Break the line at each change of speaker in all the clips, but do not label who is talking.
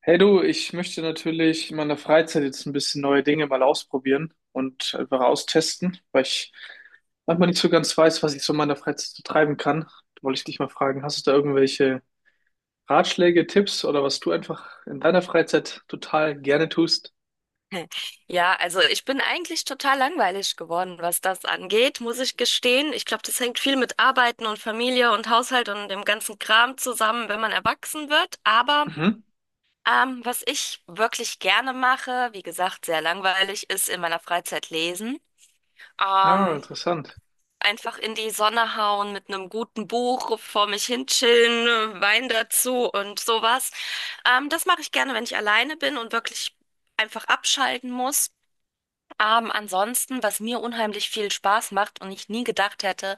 Hey du, ich möchte natürlich in meiner Freizeit jetzt ein bisschen neue Dinge mal ausprobieren und einfach austesten, weil ich manchmal nicht so ganz weiß, was ich so in meiner Freizeit so treiben kann. Da wollte ich dich mal fragen, hast du da irgendwelche Ratschläge, Tipps oder was du einfach in deiner Freizeit total gerne tust?
Ja, also ich bin eigentlich total langweilig geworden, was das angeht, muss ich gestehen. Ich glaube, das hängt viel mit Arbeiten und Familie und Haushalt und dem ganzen Kram zusammen, wenn man erwachsen wird. Aber
Mhm.
was ich wirklich gerne mache, wie gesagt, sehr langweilig, ist in meiner Freizeit lesen.
Ah,
Ähm,
interessant.
Einfach in die Sonne hauen mit einem guten Buch, vor mich hin chillen, Wein dazu und sowas. Das mache ich gerne, wenn ich alleine bin und wirklich einfach abschalten muss. Ansonsten, was mir unheimlich viel Spaß macht und ich nie gedacht hätte,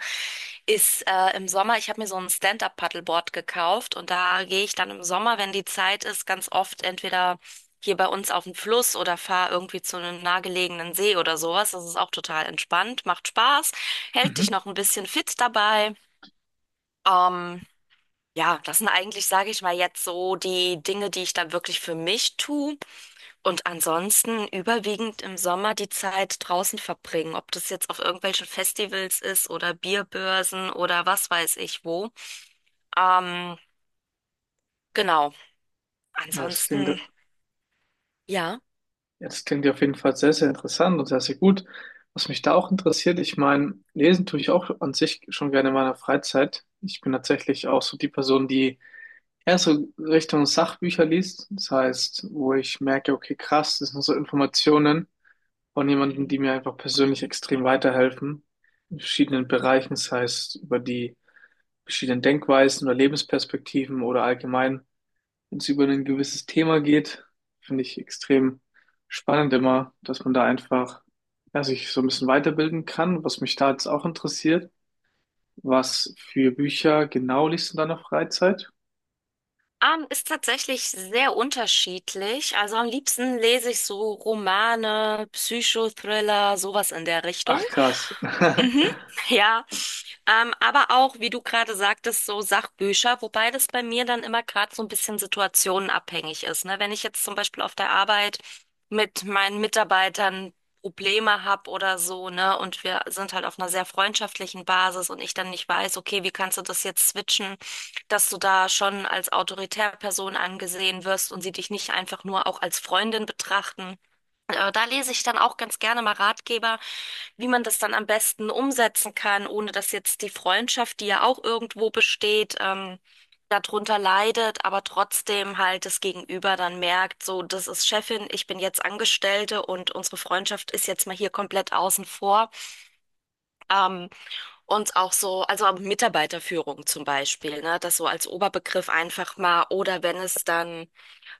ist im Sommer, ich habe mir so ein Stand-up-Paddleboard gekauft und da gehe ich dann im Sommer, wenn die Zeit ist, ganz oft entweder hier bei uns auf den Fluss oder fahre irgendwie zu einem nahegelegenen See oder sowas. Das ist auch total entspannt, macht Spaß, hält dich
Mhm.
noch ein bisschen fit dabei. Ähm, ja, das sind eigentlich, sage ich mal, jetzt so die Dinge, die ich dann wirklich für mich tue. Und ansonsten überwiegend im Sommer die Zeit draußen verbringen, ob das jetzt auf irgendwelchen Festivals ist oder Bierbörsen oder was weiß ich wo. Ähm, genau.
Ja, das klingt,
Ansonsten, ja.
jetzt klingt ja auf jeden Fall sehr, sehr interessant und sehr, sehr gut. Was mich da auch interessiert, ich meine, lesen tue ich auch an sich schon gerne in meiner Freizeit. Ich bin tatsächlich auch so die Person, die ja, so Richtung Sachbücher liest. Das heißt, wo ich merke, okay, krass, das sind so Informationen von jemandem, die mir einfach persönlich extrem weiterhelfen. In verschiedenen Bereichen. Das heißt, über die verschiedenen Denkweisen oder Lebensperspektiven oder allgemein, wenn es über ein gewisses Thema geht, finde ich extrem spannend immer, dass man da einfach, ja, sich so ein bisschen weiterbilden kann, was mich da jetzt auch interessiert. Was für Bücher genau liest du in deiner Freizeit?
Ist tatsächlich sehr unterschiedlich. Also am liebsten lese ich so Romane, Psychothriller, sowas in der Richtung.
Ach, krass.
Mhm, ja, aber auch, wie du gerade sagtest, so Sachbücher, wobei das bei mir dann immer gerade so ein bisschen situationenabhängig ist. Ne? Wenn ich jetzt zum Beispiel auf der Arbeit mit meinen Mitarbeitern Probleme habe oder so, ne, und wir sind halt auf einer sehr freundschaftlichen Basis und ich dann nicht weiß, okay, wie kannst du das jetzt switchen, dass du da schon als autoritäre Person angesehen wirst und sie dich nicht einfach nur auch als Freundin betrachten. Da lese ich dann auch ganz gerne mal Ratgeber, wie man das dann am besten umsetzen kann, ohne dass jetzt die Freundschaft, die ja auch irgendwo besteht, darunter leidet, aber trotzdem halt das Gegenüber dann merkt, so, das ist Chefin, ich bin jetzt Angestellte und unsere Freundschaft ist jetzt mal hier komplett außen vor. Ähm, und auch so, also auch Mitarbeiterführung zum Beispiel, ne? Das so als Oberbegriff einfach mal. Oder wenn es dann,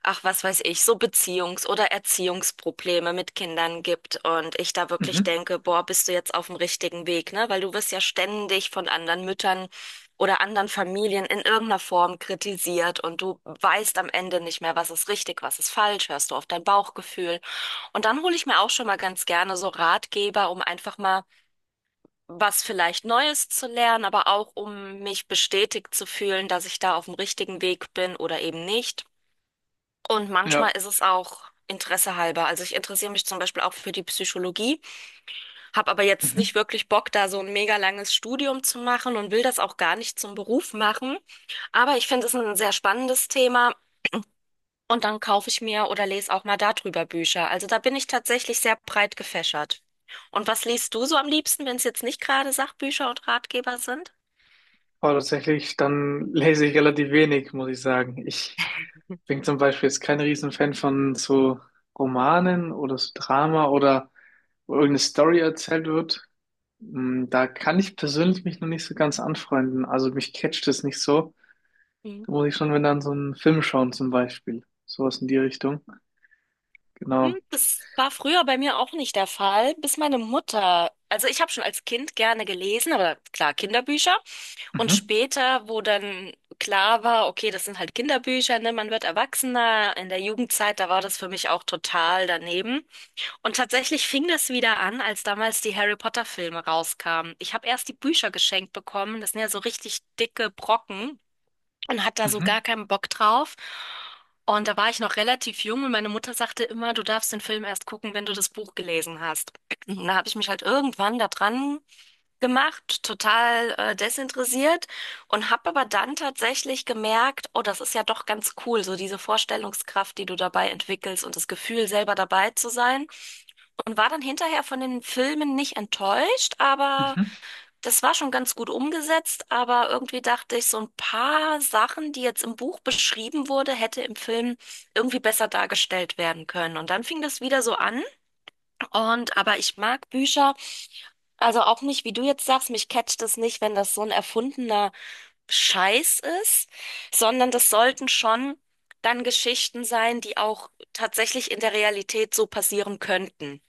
ach, was weiß ich, so Beziehungs- oder Erziehungsprobleme mit Kindern gibt und ich da wirklich
Mhm.
denke, boah, bist du jetzt auf dem richtigen Weg, ne? Weil du wirst ja ständig von anderen Müttern oder anderen Familien in irgendeiner Form kritisiert und du weißt am Ende nicht mehr, was ist richtig, was ist falsch, hörst du auf dein Bauchgefühl. Und dann hole ich mir auch schon mal ganz gerne so Ratgeber, um einfach mal was vielleicht Neues zu lernen, aber auch um mich bestätigt zu fühlen, dass ich da auf dem richtigen Weg bin oder eben nicht. Und
Ja,
manchmal ist es auch Interesse halber. Also ich interessiere mich zum Beispiel auch für die Psychologie, habe aber jetzt
mhm.
nicht wirklich Bock, da so ein mega langes Studium zu machen und will das auch gar nicht zum Beruf machen. Aber ich finde es ein sehr spannendes Thema und dann kaufe ich mir oder lese auch mal darüber Bücher. Also da bin ich tatsächlich sehr breit gefächert. Und was liest du so am liebsten, wenn es jetzt nicht gerade Sachbücher und Ratgeber sind?
Aber tatsächlich, dann lese ich relativ wenig, muss ich sagen. Ich bin zum Beispiel jetzt kein Riesenfan von so Romanen oder so Drama oder wo irgendeine Story erzählt wird. Mm. Da kann ich persönlich mich noch nicht so ganz anfreunden. Also mich catcht es nicht so.
Mhm.
Da muss ich schon, wenn dann so einen Film schauen zum Beispiel. Sowas in die Richtung.
Hm,
Genau.
das war früher bei mir auch nicht der Fall, bis meine Mutter, also ich habe schon als Kind gerne gelesen, aber klar, Kinderbücher. Und
Mhm.
später, wo dann klar war, okay, das sind halt Kinderbücher, ne, man wird Erwachsener. In der Jugendzeit, da war das für mich auch total daneben. Und tatsächlich fing das wieder an, als damals die Harry Potter Filme rauskamen. Ich habe erst die Bücher geschenkt bekommen, das sind ja so richtig dicke Brocken, und hat da so
Mhm.
gar keinen Bock drauf. Und da war ich noch relativ jung und meine Mutter sagte immer, du darfst den Film erst gucken, wenn du das Buch gelesen hast. Und da habe ich mich halt irgendwann da dran gemacht, total desinteressiert und habe aber dann tatsächlich gemerkt, oh, das ist ja doch ganz cool, so diese Vorstellungskraft, die du dabei entwickelst und das Gefühl, selber dabei zu sein. Und war dann hinterher von den Filmen nicht enttäuscht, aber
Mhm.
das war schon ganz gut umgesetzt, aber irgendwie dachte ich, so ein paar Sachen, die jetzt im Buch beschrieben wurde, hätte im Film irgendwie besser dargestellt werden können. Und dann fing das wieder so an. Und aber ich mag Bücher, also auch nicht, wie du jetzt sagst, mich catcht es nicht, wenn das so ein erfundener Scheiß ist, sondern das sollten schon dann Geschichten sein, die auch tatsächlich in der Realität so passieren könnten.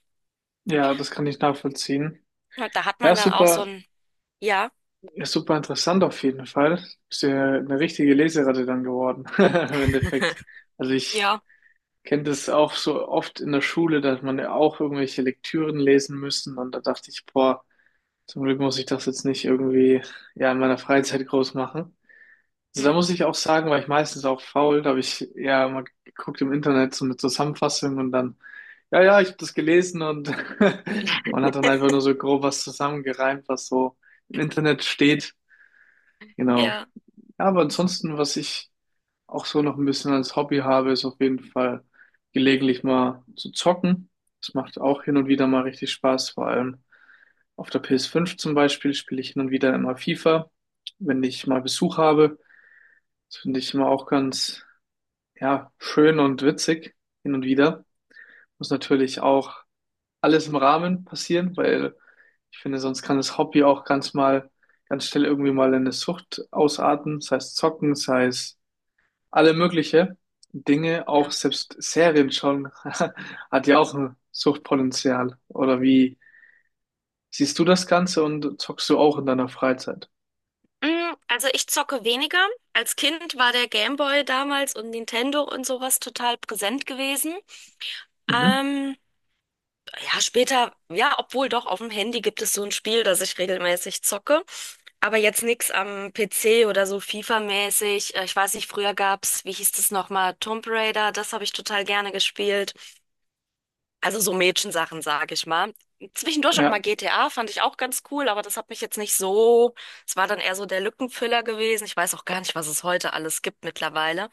Ja, das kann ich nachvollziehen.
Und da hat man
Ja,
dann auch so
super.
ein, ja,
Ist super interessant auf jeden Fall. Bist ja eine richtige Leseratte dann geworden, im Endeffekt. Also ich
ja,
kenne das auch so oft in der Schule, dass man ja auch irgendwelche Lektüren lesen müssen, und da dachte ich, boah, zum Glück muss ich das jetzt nicht irgendwie ja in meiner Freizeit groß machen. Also da
hm,
muss ich auch sagen, war ich meistens auch faul, da habe ich ja mal geguckt im Internet so eine Zusammenfassung, und dann, ja, ja, ich habe das gelesen und man hat dann einfach nur so grob was zusammengereimt, was so im Internet steht. Genau.
ja.
Ja, aber ansonsten, was ich auch so noch ein bisschen als Hobby habe, ist auf jeden Fall gelegentlich mal zu zocken. Das macht auch hin und wieder mal richtig Spaß. Vor allem auf der PS5 zum Beispiel spiele ich hin und wieder immer FIFA, wenn ich mal Besuch habe. Das finde ich immer auch ganz, ja, schön und witzig hin und wieder. Muss natürlich auch alles im Rahmen passieren, weil ich finde, sonst kann das Hobby auch ganz schnell irgendwie mal in eine Sucht ausarten, sei es zocken, sei es alle mögliche Dinge, auch
Ja.
selbst Serien schon, hat ja auch ein Suchtpotenzial. Oder wie siehst du das Ganze und zockst du auch in deiner Freizeit?
Mm, also ich zocke weniger. Als Kind war der Gameboy damals und Nintendo und sowas total präsent gewesen.
Mhm.
Ähm, ja, später, ja, obwohl doch auf dem Handy gibt es so ein Spiel, das ich regelmäßig zocke. Aber jetzt nix am PC oder so FIFA-mäßig. Ich weiß nicht, früher gab's, wie hieß das nochmal, Tomb Raider, das habe ich total gerne gespielt. Also so Mädchensachen, sage ich mal. Zwischendurch auch
Ja,
mal GTA fand ich auch ganz cool, aber das hat mich jetzt nicht so. Es war dann eher so der Lückenfüller gewesen. Ich weiß auch gar nicht, was es heute alles gibt mittlerweile.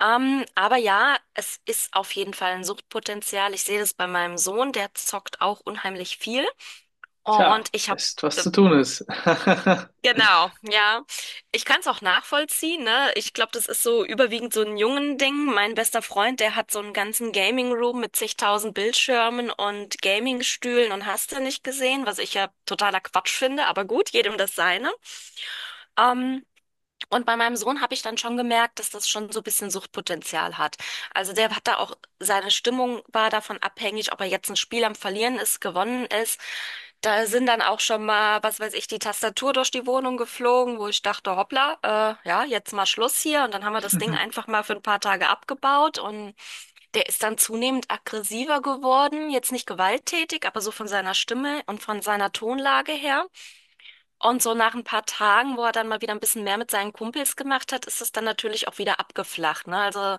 Aber ja, es ist auf jeden Fall ein Suchtpotenzial. Ich sehe das bei meinem Sohn, der zockt auch unheimlich viel.
tja,
Und ich habe
weißt, was zu tun ist.
genau, ja. Ich kann es auch nachvollziehen, ne? Ich glaube, das ist so überwiegend so ein Jungen-Ding. Mein bester Freund, der hat so einen ganzen Gaming-Room mit zigtausend Bildschirmen und Gaming-Stühlen und hast du nicht gesehen, was ich ja totaler Quatsch finde, aber gut, jedem das seine. Ähm, und bei meinem Sohn habe ich dann schon gemerkt, dass das schon so ein bisschen Suchtpotenzial hat. Also der hat da auch, seine Stimmung war davon abhängig, ob er jetzt ein Spiel am Verlieren ist, gewonnen ist. Da sind dann auch schon mal, was weiß ich, die Tastatur durch die Wohnung geflogen, wo ich dachte, hoppla, ja, jetzt mal Schluss hier. Und dann haben wir das Ding einfach mal für ein paar Tage abgebaut und der ist dann zunehmend aggressiver geworden, jetzt nicht gewalttätig, aber so von seiner Stimme und von seiner Tonlage her. Und so nach ein paar Tagen, wo er dann mal wieder ein bisschen mehr mit seinen Kumpels gemacht hat, ist es dann natürlich auch wieder abgeflacht, ne? Also,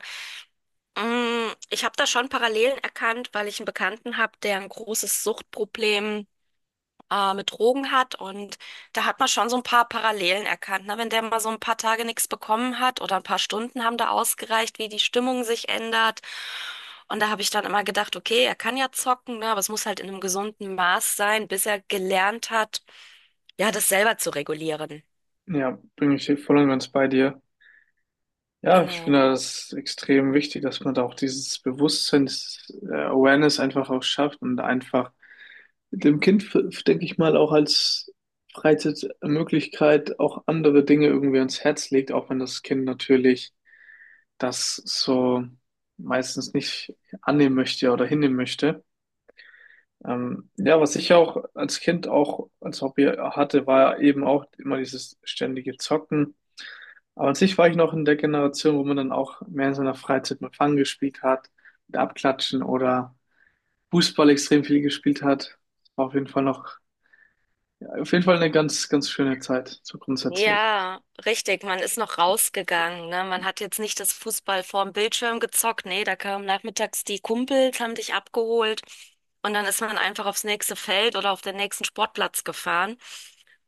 mh, ich habe da schon Parallelen erkannt, weil ich einen Bekannten habe, der ein großes Suchtproblem mit Drogen hat. Und da hat man schon so ein paar Parallelen erkannt, ne? Wenn der mal so ein paar Tage nichts bekommen hat oder ein paar Stunden haben da ausgereicht, wie die Stimmung sich ändert. Und da habe ich dann immer gedacht, okay, er kann ja zocken, ne? Aber es muss halt in einem gesunden Maß sein, bis er gelernt hat, ja, das selber zu regulieren.
Ja, bin ich voll und ganz bei dir. Ja, ich finde
Genau.
das extrem wichtig, dass man da auch dieses Bewusstseins, Awareness einfach auch schafft und einfach mit dem Kind, denke ich mal, auch als Freizeitmöglichkeit auch andere Dinge irgendwie ans Herz legt, auch wenn das Kind natürlich das so meistens nicht annehmen möchte oder hinnehmen möchte. Ja, was ich auch als Kind auch als Hobby hatte, war eben auch immer dieses ständige Zocken. Aber an sich war ich noch in der Generation, wo man dann auch mehr in seiner Freizeit mit Fang gespielt hat, mit Abklatschen oder Fußball extrem viel gespielt hat. War auf jeden Fall noch Auf jeden Fall eine ganz, ganz schöne Zeit, so grundsätzlich.
Ja, richtig. Man ist noch rausgegangen, ne? Man hat jetzt nicht das Fußball vorm Bildschirm gezockt. Nee, da kamen nachmittags die Kumpels, haben dich abgeholt. Und dann ist man einfach aufs nächste Feld oder auf den nächsten Sportplatz gefahren.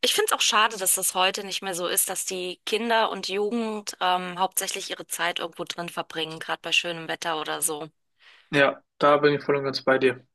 Ich finde es auch schade, dass das heute nicht mehr so ist, dass die Kinder und Jugend hauptsächlich ihre Zeit irgendwo drin verbringen, gerade bei schönem Wetter oder so.
Ja, da bin ich voll und ganz bei dir.